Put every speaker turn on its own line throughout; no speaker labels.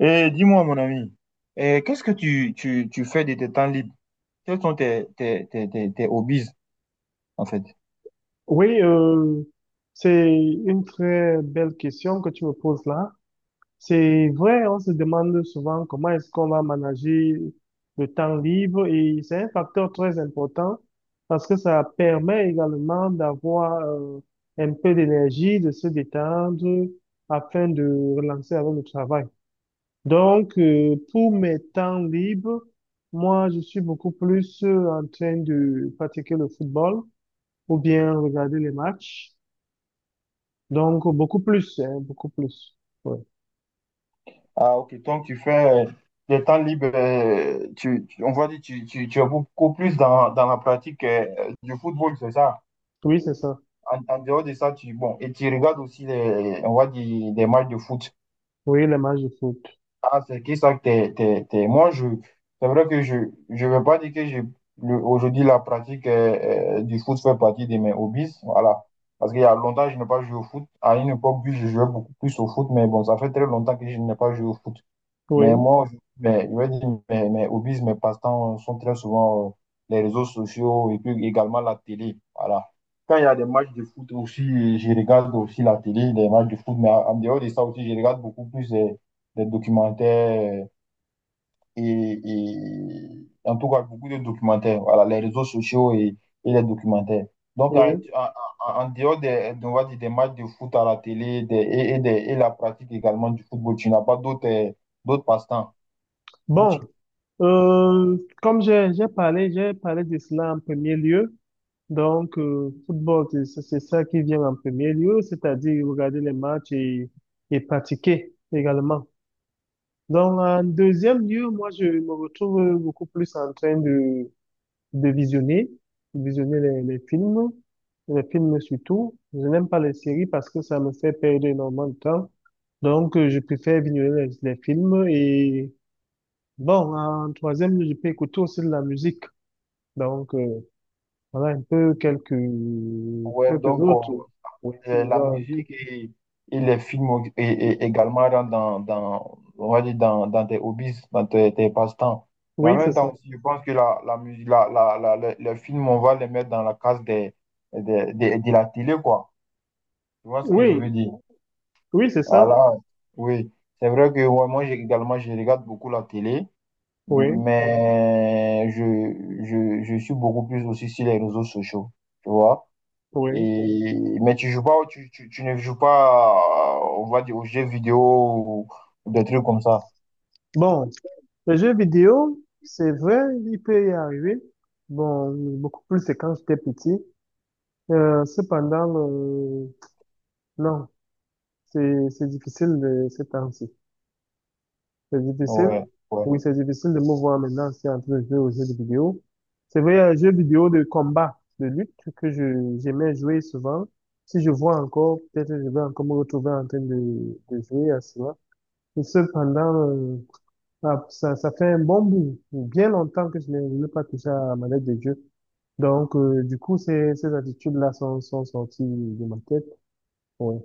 Et dis-moi, mon ami, qu'est-ce que tu fais de tes temps libres? Quels sont tes hobbies, en fait?
Oui, euh, c'est une très belle question que tu me poses là. C'est vrai, on se demande souvent comment est-ce qu'on va manager le temps libre, et c'est un facteur très important parce que ça permet également d'avoir un peu d'énergie, de se détendre afin de relancer avec le travail. Pour mes temps libres, moi, je suis beaucoup plus en train de pratiquer le football ou bien regarder les matchs. Donc, beaucoup plus, hein, beaucoup plus. Oui,
Ah, ok, donc tu fais des temps libres, on va dire, tu es beaucoup plus dans la pratique du football, c'est ça?
oui, c'est ça.
En dehors de ça, bon, et tu regardes aussi, les, on va dire, des matchs de foot.
Oui, les matchs de foot.
Ah, c'est qui ça que Moi, c'est vrai que je veux pas dire que aujourd'hui, la pratique du foot fait partie de mes hobbies. Voilà. Parce qu'il y a longtemps, je n'ai pas joué au foot. À une époque, oui, je jouais beaucoup plus au foot, mais bon, ça fait très longtemps que je n'ai pas joué au foot. Mais
Oui,
moi, je veux dire, mes hobbies, mes passe-temps sont très souvent les réseaux sociaux et puis également la télé. Voilà. Quand il y a des matchs de foot aussi, je regarde aussi la télé, des matchs de foot, mais en dehors de ça aussi, je regarde beaucoup plus des documentaires et en tout cas beaucoup de documentaires. Voilà, les réseaux sociaux et les documentaires. Donc,
oui.
en dehors des, on va dire, des matchs de foot à la télé et la pratique également du football, tu n'as pas d'autres d'autres passe-temps.
Bon,
Outil.
Comme j'ai parlé, j'ai parlé de cela en premier lieu. Football, c'est ça qui vient en premier lieu, c'est-à-dire regarder les matchs, et pratiquer également. Donc, en deuxième lieu, moi, je me retrouve beaucoup plus en train de de visionner, de visionner les films surtout. Je n'aime pas les séries parce que ça me fait perdre énormément de temps. Je préfère visionner les films, et bon, en troisième, je peux écouter aussi de la musique. Donc, euh, voilà un peu
Ouais,
quelques
donc
autres. Oui, si je
la
dois-
musique et les films et également rentrent dans, on va dire, dans tes hobbies, dans tes passe-temps. Mais en
Oui, c'est
même
ça.
temps aussi, je pense que la musique, les films, on va les mettre dans la case de la télé, quoi. Tu vois ce que je
Oui,
veux dire?
oui, c'est ça.
Voilà, oui. C'est vrai que ouais, moi également, je regarde beaucoup la télé,
Oui,
mais je suis beaucoup plus aussi sur les réseaux sociaux. Tu vois?
oui.
Mais tu joues pas, tu ne joues pas, on va dire, aux jeux vidéo ou des trucs comme ça.
Bon, les jeux vidéo, c'est vrai, il peut y arriver. Bon, beaucoup plus c'est quand j'étais petit. Euh, cependant, euh, non, c'est difficile de ces temps-ci. C'est difficile.
Ouais, ouais.
Oui, c'est difficile de me voir maintenant si entre jouer aux jeux de vidéo. C'est vrai, un jeu vidéo de combat, de lutte que je j'aimais jouer souvent. Si je vois encore, peut-être je vais encore me retrouver en train de jouer à cela. Et cependant, euh, ah, ça fait un bon bout, bien longtemps que je n'ai pas touché à ma lettre de jeu. Du coup, ces attitudes-là sont sorties de ma tête. Oui.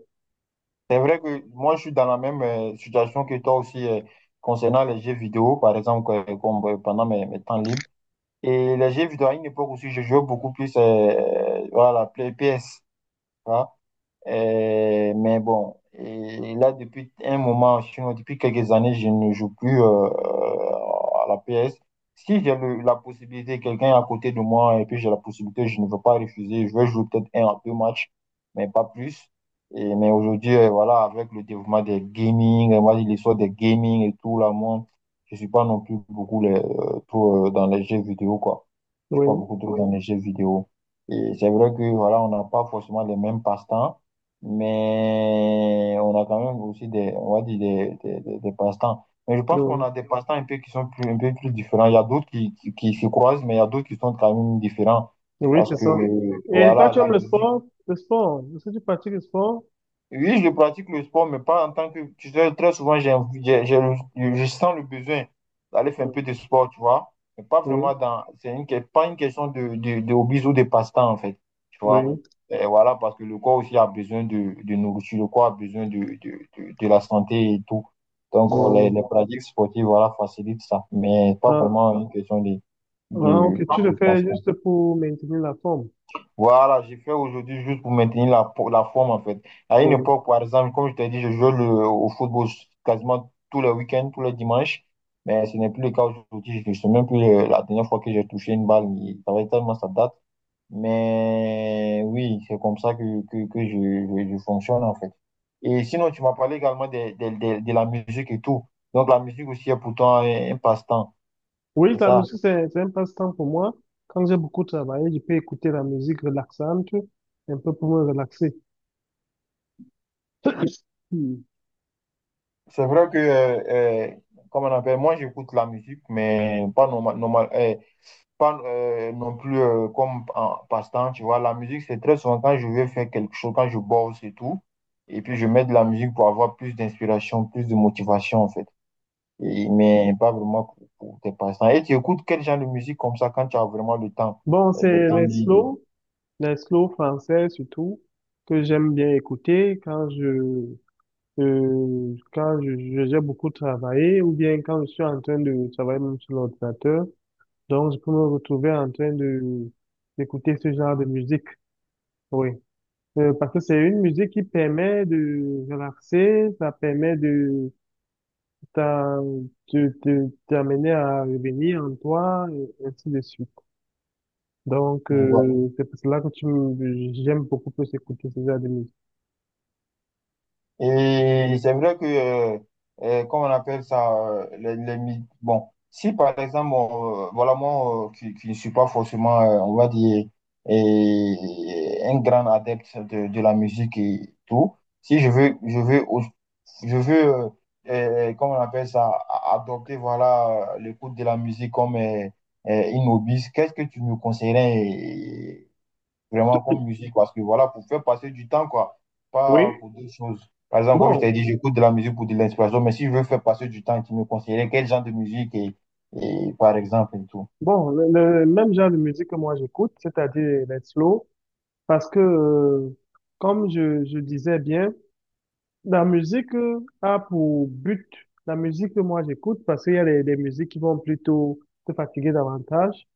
C'est vrai que moi, je suis dans la même situation que toi aussi concernant les jeux vidéo, par exemple, comme, pendant mes temps libres. Et les jeux vidéo, à une époque aussi, je jouais beaucoup plus voilà, Play PS. Tu vois. Mais bon, et là, depuis un moment, depuis quelques années, je ne joue plus à la PS. Si j'ai la possibilité, quelqu'un est à côté de moi et puis j'ai la possibilité, je ne veux pas refuser. Je vais jouer peut-être un à deux matchs, mais pas plus. Mais aujourd'hui, voilà, avec le développement des gaming, moi, l'histoire des gaming et tout, là, moi, je suis pas non plus beaucoup les, trop, dans les jeux vidéo, quoi. Je suis pas
Oui.
beaucoup trop dans, oui, les jeux vidéo. Et c'est vrai que, voilà, on n'a pas forcément les mêmes passe-temps. Mais on a quand même aussi des, on va dire des passe-temps. Mais je pense qu'on
Donc,
a des passe-temps un peu qui sont plus, un peu plus différents. Il y a d'autres qui se croisent, mais il y a d'autres qui sont quand même différents.
oui,
Parce
c'est
que,
ça.
oui,
Et toi,
voilà,
tu
la
aimes le
musique.
sport? Le sport. Est-ce que tu pratiques le sport?
Oui, je pratique le sport, mais pas en tant que. Tu sais, très souvent, j'ai, envie- j'ai le- je sens le besoin d'aller faire un peu de sport, tu vois. Mais pas vraiment
Oui,
dans. C'est pas une question de hobbies ou de passe-temps, en fait. Tu vois.
oui.
Et voilà, parce que le corps aussi a besoin de nourriture, le corps a besoin de la santé et tout. Donc, les,
Ouais.
les pratiques sportives, voilà, facilitent ça. Mais pas
Ah,
vraiment une question. de,
ah,
de,
ok, tu le
de
fais
passe
juste pour maintenir la forme.
voilà, j'ai fait aujourd'hui juste pour maintenir la forme en fait. À une
Oui.
époque, par exemple, comme je t'ai dit, je jouais au football quasiment tous les week-ends, tous les dimanches. Mais ce n'est plus le cas aujourd'hui. Je ne sais même plus la dernière fois que j'ai touché une balle. Ça fait tellement ça date. Mais oui, c'est comme ça que je fonctionne en fait. Et sinon, tu m'as parlé également de la musique et tout. Donc la musique aussi est pourtant un passe-temps,
Oui,
c'est
la
ça?
musique, c'est un passe-temps pour moi. Quand j'ai beaucoup travaillé, je peux écouter la musique relaxante, un peu pour me relaxer. Hmm.
C'est vrai que, euh, comme on appelle, moi j'écoute la musique, mais pas, pas non plus comme en passe-temps, tu vois. La musique, c'est très souvent quand je veux faire quelque chose, quand je bosse et tout. Et puis je mets de la musique pour avoir plus d'inspiration, plus de motivation en fait. Mais pas vraiment pour, tes passe-temps. Et tu écoutes quel genre de musique comme ça quand tu as vraiment le temps,
Bon,
des
c'est
temps libres,
les slow français surtout, que j'aime bien écouter quand j'ai beaucoup travaillé ou bien quand je suis en train de travailler même sur l'ordinateur, donc je peux me retrouver en train de d'écouter ce genre de musique. Oui. Parce que c'est une musique qui permet de relaxer, ça permet t'en- de t'amener à revenir en toi, et ainsi de suite.
tu vois.
C'est pour cela que j'aime beaucoup plus écouter ce genre de musique.
Et c'est vrai que, comment on appelle ça, bon, si par exemple, voilà, moi, qui ne suis pas forcément, on va dire, un grand adepte de la musique et tout, si je veux, je veux, comment on appelle ça, adopter, voilà, l'écoute de la musique comme une hobby, qu'est-ce que tu me conseillerais vraiment comme musique parce que voilà, pour faire passer du temps, quoi, pas
Oui.
pour d'autres choses. Par exemple, comme je
Bon,
t'ai dit, j'écoute de la musique pour de l'inspiration, mais si je veux faire passer du temps, tu me conseillerais quel genre de musique et par exemple et tout.
bon, le même genre de musique que moi j'écoute, c'est-à-dire les slow. Parce que comme je disais bien, la musique a pour but, la musique que moi j'écoute, parce qu'il y a des musiques qui vont plutôt te fatiguer davantage.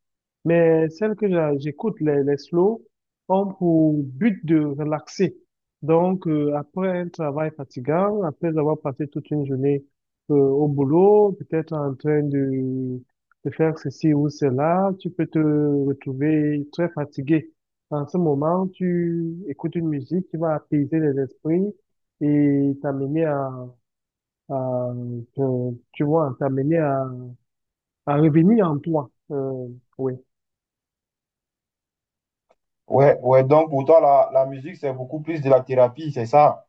Mais celles que j'écoute, les slow, ont pour but de relaxer. Après un travail fatigant, après avoir passé toute une journée au boulot, peut-être en train de faire ceci ou cela, tu peux te retrouver très fatigué. En ce moment, tu écoutes une musique qui va apaiser les esprits et t'amener à, tu vois, t'amener à revenir en toi. Oui.
Ouais, ouais, donc pour toi, la musique, c'est beaucoup plus de la thérapie, c'est ça.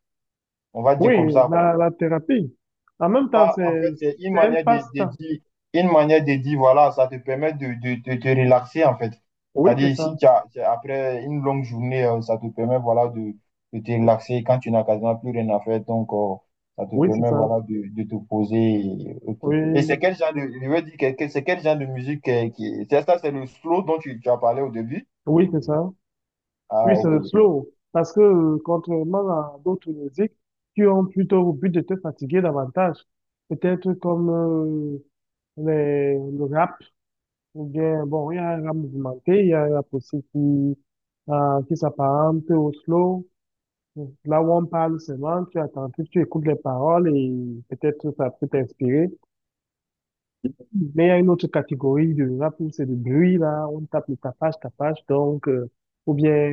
On va dire
Oui,
comme ça, quoi.
la thérapie. En même temps,
Ça, en fait, c'est une
c'est un
manière de
passe-temps.
dire, voilà, ça te permet de te relaxer, en fait.
Oui, c'est
C'est-à-dire
ça.
ici, après une longue journée, ça te permet, voilà, de te relaxer quand tu n'as quasiment plus rien à faire. Donc, ça te
Oui, c'est
permet,
ça.
voilà, de te poser. Ok. Et
Oui,
c'est quel genre de, je veux dire, c'est quel genre de musique qui, c'est ça, c'est le slow dont tu as parlé au début?
oui, c'est ça.
Ah,
Oui, c'est
ok.
le slow. Parce que contrairement à d'autres musiques qui ont plutôt au but de te fatiguer davantage, peut-être comme le rap, ou bien, bon, il y a un rap mouvementé, il y a un rap aussi qui s'apparente au slow. Là où on parle seulement, tu attentif, tu écoutes les paroles et peut-être ça peut t'inspirer. Mais il y a une autre catégorie de rap où c'est du bruit, là, on tape le tapage, tapage, ou bien,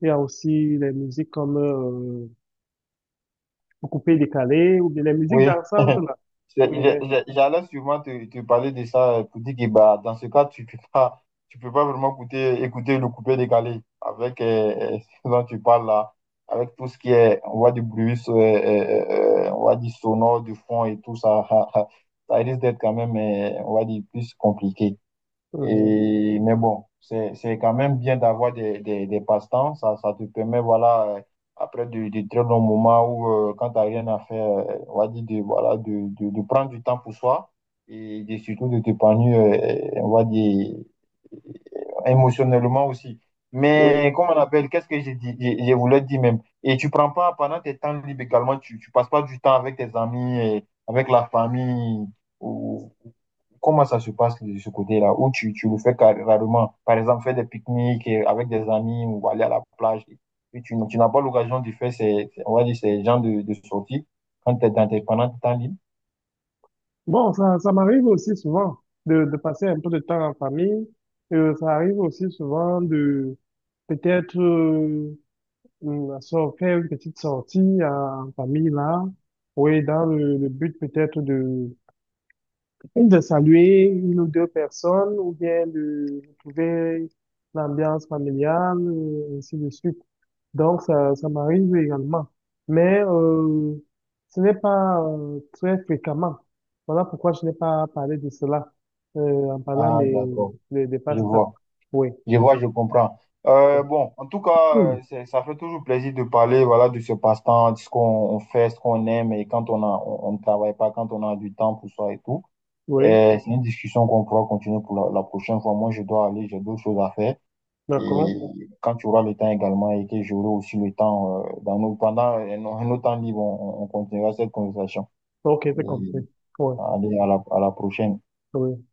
il y a aussi les musiques comme coupé, décalé, ou bien les musiques
Oui.
dansantes, là, où
C'est-
il
j'ai-
est.
j'ai- J'allais sûrement te parler de ça pour dire que bah, dans ce cas, tu peux pas vraiment écouter le coupé décalé avec ce dont tu parles là, avec tout ce qui est, on voit du bruit, on voit du sonore, du fond et tout ça. Ça risque d'être quand même, on va dire, plus compliqué.
Euh,
Mais bon, c'est quand même bien d'avoir des passe-temps. Ça te permet, voilà, après de très longs moments où, quand tu rien à faire, on va dire de, voilà, de prendre du temps pour soi et surtout de t'épanouir, on va dire, euh, émotionnellement aussi.
oui.
Mais comment on appelle, qu'est-ce que j'ai dit, je voulais dire même. Et tu prends pas, pendant tes temps libres également, tu passes pas du temps avec tes amis, et avec la famille, ou comment ça se passe de ce côté-là, où tu le fais rarement? Par exemple, faire des pique-niques avec des amis ou aller à la plage. Et tu n'as pas l'occasion de faire ces, on va dire, ces genres de sorties quand tu es pendant tes temps libres.
Bon, ça m'arrive aussi souvent de passer un peu de temps en famille. Ça arrive aussi souvent de peut-être faire une petite sortie en en famille, là, oui, dans le but peut-être de et de saluer une ou deux personnes ou bien de retrouver l'ambiance familiale, et ainsi de suite. Donc, ça m'arrive également. Mais ce n'est pas très fréquemment. Voilà pourquoi je n'ai pas parlé de cela euh, en parlant
Ah, d'accord.
des
Je
pastas.
vois.
Oui,
Je vois, je comprends. Bon, en tout cas,
oui.
ça fait toujours plaisir de parler, voilà, de ce passe-temps, de ce qu'on on fait, ce qu'on aime et quand on a, on ne travaille pas, quand on a du temps pour soi et tout.
Oui,
Et c'est une discussion qu'on pourra continuer pour la prochaine fois. Moi, je dois aller, j'ai d'autres choses à faire. Et
d'accord.
quand tu auras le temps également et que j'aurai aussi le temps, pendant un autre temps libre, on continuera cette conversation.
Ok,
Et
c'est compris. Oui,
allez, à la prochaine.
oui.